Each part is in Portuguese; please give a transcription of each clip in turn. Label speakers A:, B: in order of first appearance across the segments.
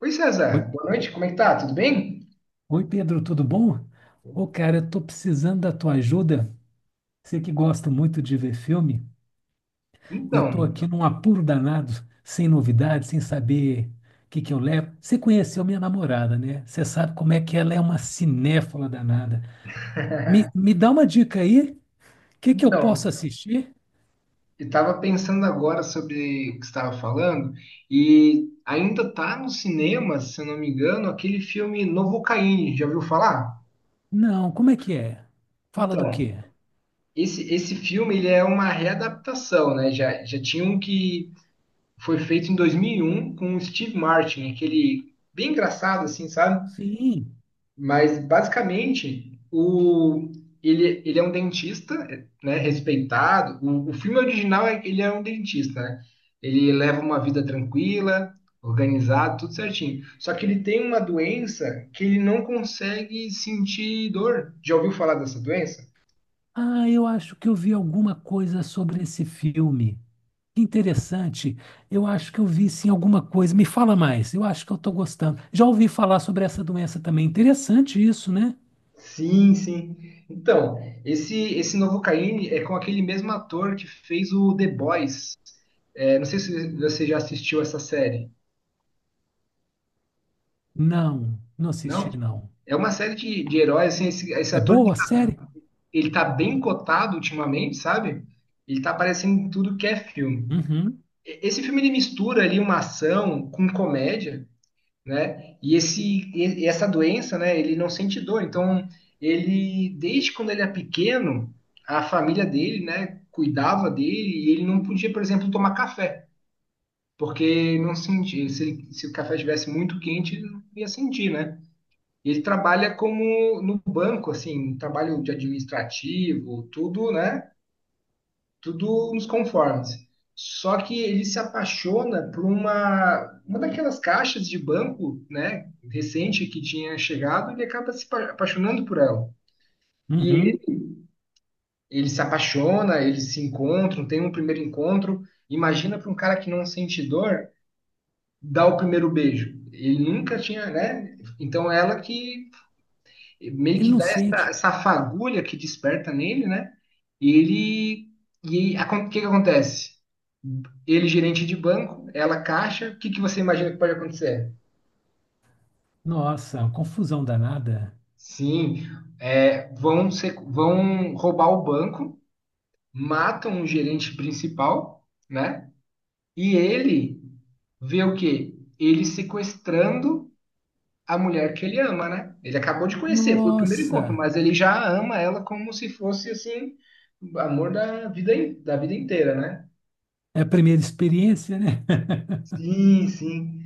A: Oi,
B: Oi,
A: César. Boa noite. Como é que tá? Tudo bem?
B: oi, Pedro, tudo bom? Ô, cara, eu tô precisando da tua ajuda. Você que gosta muito de ver filme, eu tô
A: Então,
B: aqui num apuro danado, sem novidades, sem saber o que que eu levo. Você conheceu minha namorada, né? Você sabe como é que ela é uma cinéfala danada. Me, me dá uma dica aí, o que que eu posso
A: então,
B: assistir?
A: eu tava pensando agora sobre o que você estava falando e ainda tá no cinema, se eu não me engano, aquele filme Novocaine. Já ouviu falar?
B: Não, como é que é? Fala do quê?
A: Então, esse filme ele é uma readaptação, né? Já tinha um que foi feito em 2001 com o Steve Martin, aquele bem engraçado, assim, sabe?
B: Sim.
A: Mas basicamente ele é um dentista, né, respeitado. O filme original é que ele é um dentista, né? Ele leva uma vida tranquila, organizada, tudo certinho. Só que ele tem uma doença que ele não consegue sentir dor. Já ouviu falar dessa doença?
B: Ah, eu acho que eu vi alguma coisa sobre esse filme. Interessante. Eu acho que eu vi sim alguma coisa. Me fala mais. Eu acho que eu estou gostando. Já ouvi falar sobre essa doença também. Interessante isso, né?
A: Sim, sim. Então, esse novo Caine é com aquele mesmo ator que fez o The Boys. É, não sei se você já assistiu essa série.
B: Não, não
A: Não.
B: assisti, não.
A: É uma série de heróis, assim, esse
B: É
A: ator, ele,
B: boa a série?
A: ele tá bem cotado ultimamente, sabe? Ele tá aparecendo em tudo que é filme.
B: Uhum,
A: Esse filme, ele mistura ali uma ação com comédia, né? E essa doença, né, ele não sente dor. Então, ele, desde quando ele é pequeno, a família dele, né, cuidava dele e ele não podia, por exemplo, tomar café. Porque não sentia, se o café estivesse muito quente, ele não ia sentir, né? Ele trabalha como no banco, assim, um trabalho de administrativo, tudo, né? Tudo nos conformes. Só que ele se apaixona por uma daquelas caixas de banco, né? Recente que tinha chegado, ele acaba se apa- apaixonando por ela. E
B: uhum.
A: ele, ele se apaixona, eles se encontram, tem um primeiro encontro. Imagina para um cara que não sente dor dar o primeiro beijo. Ele nunca tinha, né? Então ela que meio
B: Ele
A: que
B: não
A: dá
B: sente.
A: essa fagulha que desperta nele, né? E ele. E aí, o que que acontece? Ele é gerente de banco, ela é caixa, o que que você imagina que pode acontecer?
B: Nossa, uma confusão danada.
A: Sim, é, vão, ser, vão roubar o banco, matam o gerente principal, né? E ele vê o quê? Ele sequestrando a mulher que ele ama, né? Ele acabou de conhecer, foi o primeiro encontro,
B: Nossa,
A: mas ele já ama ela como se fosse assim, o amor da vida, da vida inteira, né?
B: é a primeira experiência, né?
A: Sim, sim.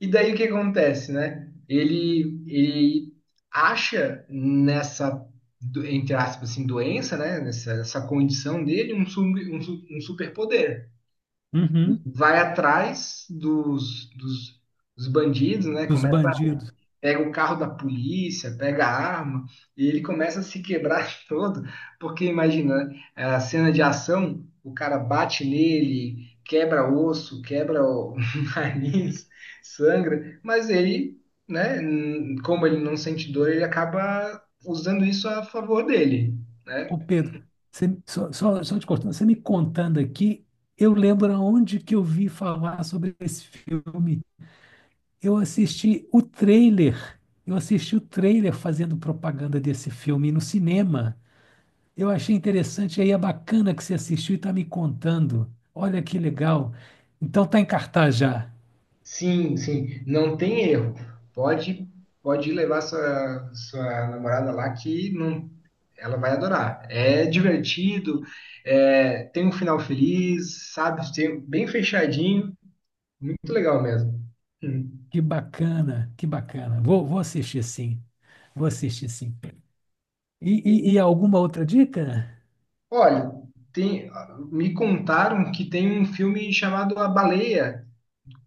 A: E daí o que acontece, né? Ele acha nessa, entre aspas, assim, doença, né? Nessa condição dele, um superpoder.
B: Uhum.
A: Vai atrás dos bandidos, né?
B: Dos
A: Começa
B: bandidos.
A: pega o carro da polícia, pega a arma, e ele começa a se quebrar todo, porque imagina, né, a cena de ação, o cara bate nele, quebra osso, quebra o nariz, sangra, mas ele, como ele não sente dor, ele acaba usando isso a favor dele.
B: Ô Pedro, só te cortando, você me contando aqui, eu lembro aonde que eu vi falar sobre esse filme. Eu assisti o trailer. Eu assisti o trailer fazendo propaganda desse filme no cinema. Eu achei interessante, aí é bacana que você assistiu e está me contando. Olha que legal. Então tá em cartaz já.
A: Sim, sim, não tem erro. Pode, pode levar sua namorada lá que não, ela vai adorar. É
B: Que,
A: divertido, é, tem um final feliz, sabe? Tem- bem fechadinho, muito legal mesmo. Hum.
B: que bacana, que bacana. Vou assistir sim. Vou assistir sim. E alguma outra dica?
A: Olha, tem, me contaram que tem um filme chamado A Baleia.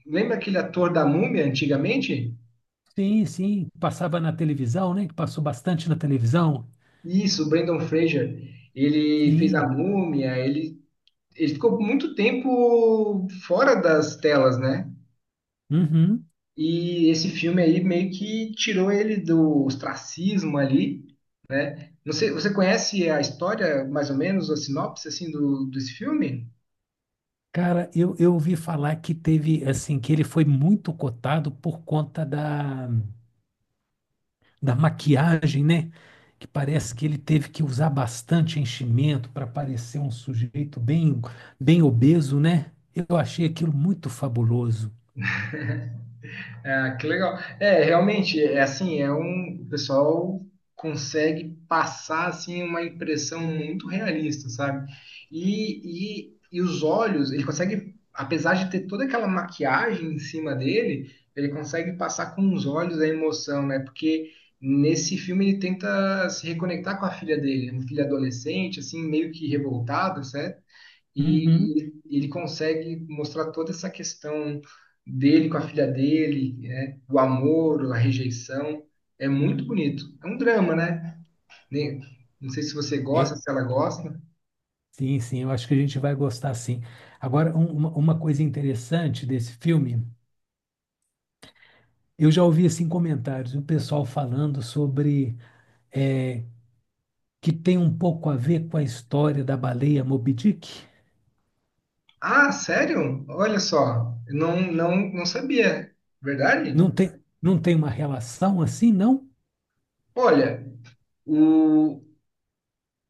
A: Lembra aquele ator da Múmia antigamente?
B: Sim, sim. Passava na televisão, né? Que passou bastante na televisão.
A: Isso, o Brendan Fraser. Ele fez a
B: Sim.
A: Múmia, ele ficou muito tempo fora das telas, né?
B: Uhum.
A: E esse filme aí meio que tirou ele do ostracismo ali. Não sei, você conhece a história, mais ou menos, a sinopse assim, desse filme?
B: Cara, eu ouvi falar que teve, assim, que ele foi muito cotado por conta da maquiagem, né? Que parece que ele teve que usar bastante enchimento para parecer um sujeito bem, bem obeso, né? Eu achei aquilo muito fabuloso.
A: Ah, que legal. É, realmente, é assim, é um, o pessoal consegue passar assim uma impressão muito realista, sabe? E, e os olhos, ele consegue, apesar de ter toda aquela maquiagem em cima dele, ele consegue passar com os olhos a emoção, né? Porque nesse filme ele tenta se reconectar com a filha dele, uma filha adolescente, assim, meio que revoltada, e
B: Uhum.
A: ele consegue mostrar toda essa questão dele com a filha dele, né? O amor, a rejeição. É muito bonito. É um drama, né? Nem- Não sei se você gosta,
B: É,
A: se ela gosta.
B: sim, sim, eu acho que a gente vai gostar, sim. Agora, uma coisa interessante desse filme, eu já ouvi, assim, comentários, o pessoal falando sobre é, que tem um pouco a ver com a história da baleia Moby Dick?
A: Ah, sério? Olha só, eu não sabia. Verdade?
B: Não tem uma relação assim, não?
A: Olha, o,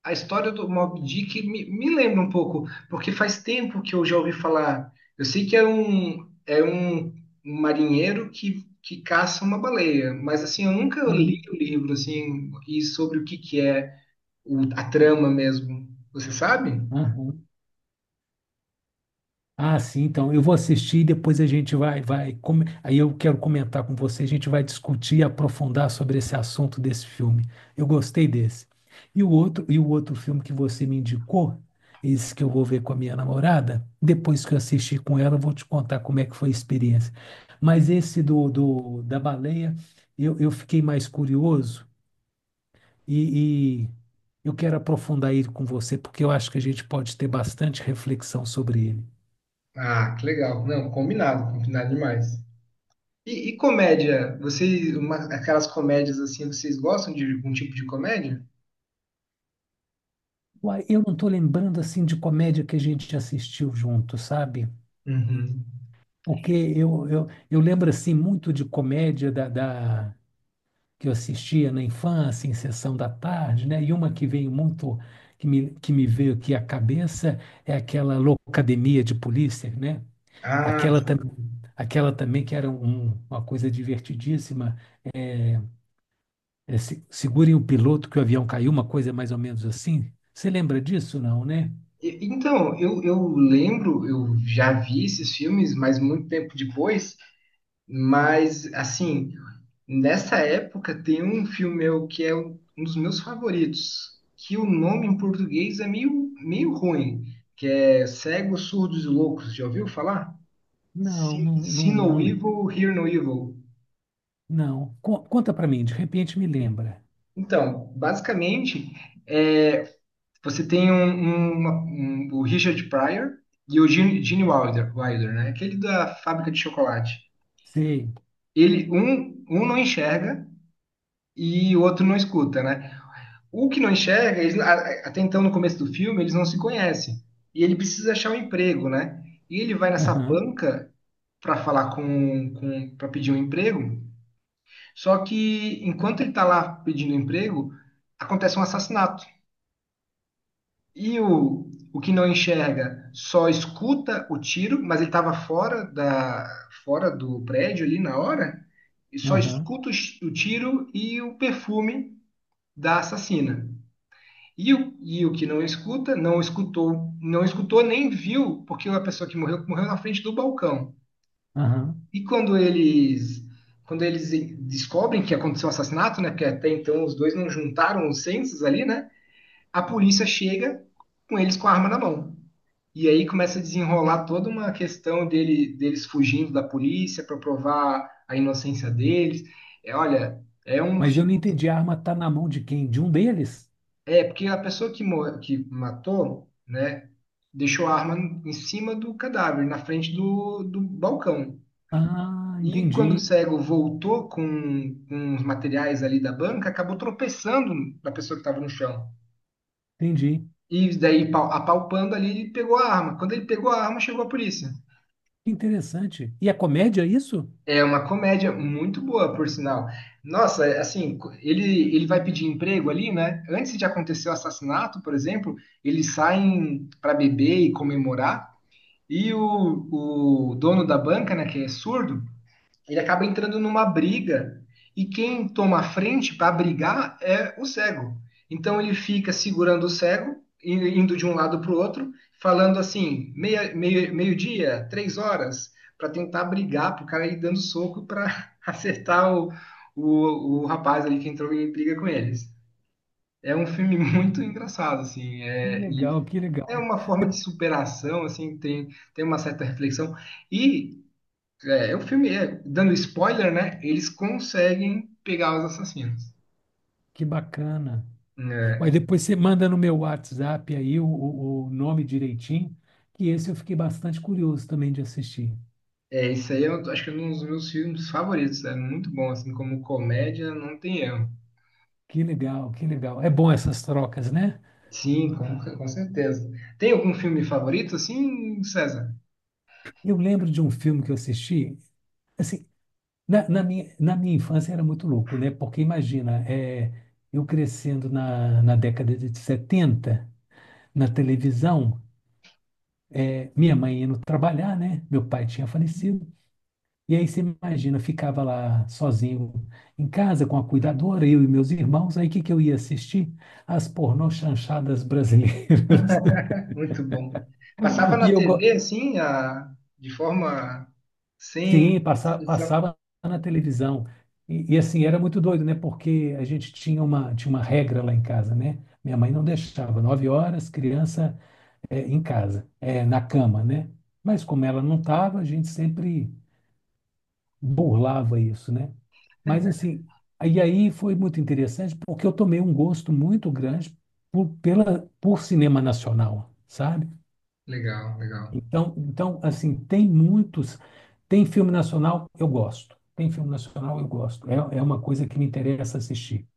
A: a história do Mob Dick me lembra um pouco, porque faz tempo que eu já ouvi falar. Eu sei que é é um marinheiro que caça uma baleia, mas assim, eu nunca li
B: Sim.
A: o livro assim, e sobre o que, que é a trama mesmo. Você sabe?
B: Aham. Ah, sim, então eu vou assistir e depois a gente vai, aí eu quero comentar com você, a gente vai discutir e aprofundar sobre esse assunto desse filme. Eu gostei desse. E o outro filme que você me indicou, esse que eu vou ver com a minha namorada, depois que eu assistir com ela, eu vou te contar como é que foi a experiência. Mas esse do, do da baleia, eu fiquei mais curioso e eu quero aprofundar ele com você, porque eu acho que a gente pode ter bastante reflexão sobre ele.
A: Ah, que legal. Não, combinado demais. E comédia? Vocês, aquelas comédias assim, vocês gostam de algum tipo de comédia?
B: Uai, eu não estou lembrando assim de comédia que a gente assistiu junto, sabe?
A: Uhum.
B: Porque eu lembro assim muito de comédia que eu assistia na infância, em sessão da tarde, né? E uma que veio muito, que me veio aqui à cabeça é aquela Loucademia de Polícia, né?
A: Ah,
B: Aquela,
A: sim.
B: tam- aquela também que era uma coisa divertidíssima. É, é, segurem o piloto que o avião caiu, uma coisa mais ou menos assim. Você lembra disso, não, né?
A: Então, eu lembro, eu já vi esses filmes, mas muito tempo depois. Mas, assim, nessa época tem um filme meu que é um dos meus favoritos, que o nome em português é meio ruim, que é Cegos, Surdos e Loucos. Já ouviu falar?
B: Não, não,
A: See
B: não,
A: No
B: não.
A: Evil, Hear No Evil.
B: Não. Conta pra mim, de repente me lembra.
A: Então, basicamente, é, você tem o Richard Pryor e o Gene Wilder, né? Aquele da fábrica de chocolate.
B: Sei.
A: Ele, um não enxerga e o outro não escuta, né? O que não enxerga, até então no começo do filme, eles não se conhecem. E ele precisa achar um emprego, né? E ele vai nessa
B: Aham,
A: banca para falar para pedir um emprego. Só que enquanto ele está lá pedindo emprego, acontece um assassinato. E o que não enxerga só escuta o tiro, mas ele estava fora fora do prédio ali na hora, e só
B: aham,
A: escuta o, o tiro e o perfume da assassina. E o que não escuta, não escutou nem viu, porque a pessoa que morreu, morreu na frente do balcão.
B: aham.
A: E quando eles descobrem que aconteceu o assassinato, né, porque até então os dois não juntaram os censos ali, né? A polícia chega com eles com a arma na mão. E aí começa a desenrolar toda uma questão deles fugindo da polícia para provar a inocência deles. É, olha, é um
B: Mas eu não
A: filme.
B: entendi, a arma tá na mão de quem? De um deles?
A: É, porque a pessoa que, que matou, né, deixou a arma em cima do cadáver, na frente do, do balcão.
B: Ah,
A: E quando o
B: entendi,
A: cego voltou com os materiais ali da banca, acabou tropeçando na pessoa que estava no chão.
B: entendi.
A: E daí, apalpando ali, ele pegou a arma. Quando ele pegou a arma, chegou a polícia.
B: Que interessante. E a comédia, é isso?
A: É uma comédia muito boa, por sinal. Nossa, é, assim, ele vai pedir emprego ali, né? Antes de acontecer o assassinato, por exemplo, eles saem para beber e comemorar. E o dono da banca, né, que é surdo, ele acaba entrando numa briga e quem toma a frente para brigar é o cego. Então ele fica segurando o cego, indo de um lado para o outro, falando assim, meia, meia meio-dia, três horas, para tentar brigar, para o cara ir dando soco para acertar o rapaz ali que entrou em briga com eles. É um filme muito engraçado, assim,
B: Que
A: é, e
B: legal, que
A: é
B: legal.
A: uma forma de
B: De-
A: superação, assim, tem, tem uma certa reflexão. E é, o filme, é, dando spoiler, né? Eles conseguem pegar os assassinos.
B: Que bacana. Mas
A: É,
B: depois você manda no meu WhatsApp aí o, o nome direitinho, que esse eu fiquei bastante curioso também de assistir.
A: isso aí eu acho que é um dos meus filmes favoritos. É muito bom, assim, como comédia, não tem erro.
B: Que legal, que legal. É bom essas trocas, né?
A: Sim, com certeza. Tem algum filme favorito, assim, César?
B: Eu lembro de um filme que eu assisti, assim, na minha infância era muito louco, né? Porque imagina, eu crescendo na década de 70 na televisão, minha mãe indo trabalhar, né? Meu pai tinha falecido. E aí você imagina, ficava lá sozinho em casa com a cuidadora, eu e meus irmãos. Aí o que que eu ia assistir? As pornô chanchadas brasileiras.
A: Muito bom. Passava
B: E
A: na
B: eu, go-
A: TV, assim, a, de forma sem.
B: Sim, passava na televisão. E, assim, era muito doido, né? Porque a gente tinha uma, regra lá em casa, né? Minha mãe não deixava, 9 horas, criança em casa, na cama, né? Mas como ela não estava, a gente sempre burlava isso, né? Mas assim, aí foi muito interessante porque eu tomei um gosto muito grande por cinema nacional, sabe?
A: Legal, legal.
B: Então, assim, tem muitos. Tem filme nacional, eu gosto. Tem filme nacional, eu gosto. É, é uma coisa que me interessa assistir.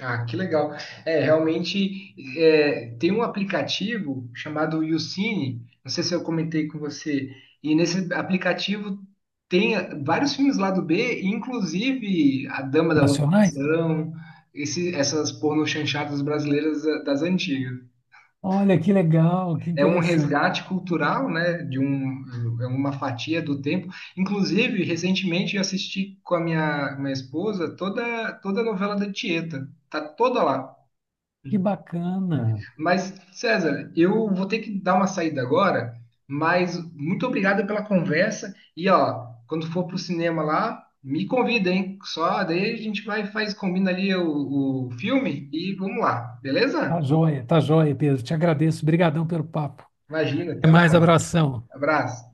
A: Ah, que legal. É, realmente é, tem um aplicativo chamado YouCine, não sei se eu comentei com você, e nesse aplicativo tem vários filmes lá do B, inclusive A Dama da
B: Nacionais?
A: Lotação, esse, essas porno chanchadas brasileiras eh, das antigas.
B: Olha, que legal, que
A: É um
B: interessante,
A: resgate cultural, né, de um, é uma fatia do tempo. Inclusive, recentemente eu assisti com minha esposa toda, toda a novela da Tieta, tá toda lá.
B: que bacana.
A: Mas, César, eu vou ter que dar uma saída agora, mas muito obrigado pela conversa. E ó, quando for pro cinema lá, me convida, hein? Só daí a gente vai, faz, combina ali o filme e vamos lá, beleza?
B: Tá joia, Pedro. Te agradeço. Obrigadão pelo papo.
A: Imagina,
B: Até
A: até mais.
B: mais, abração.
A: Abraço.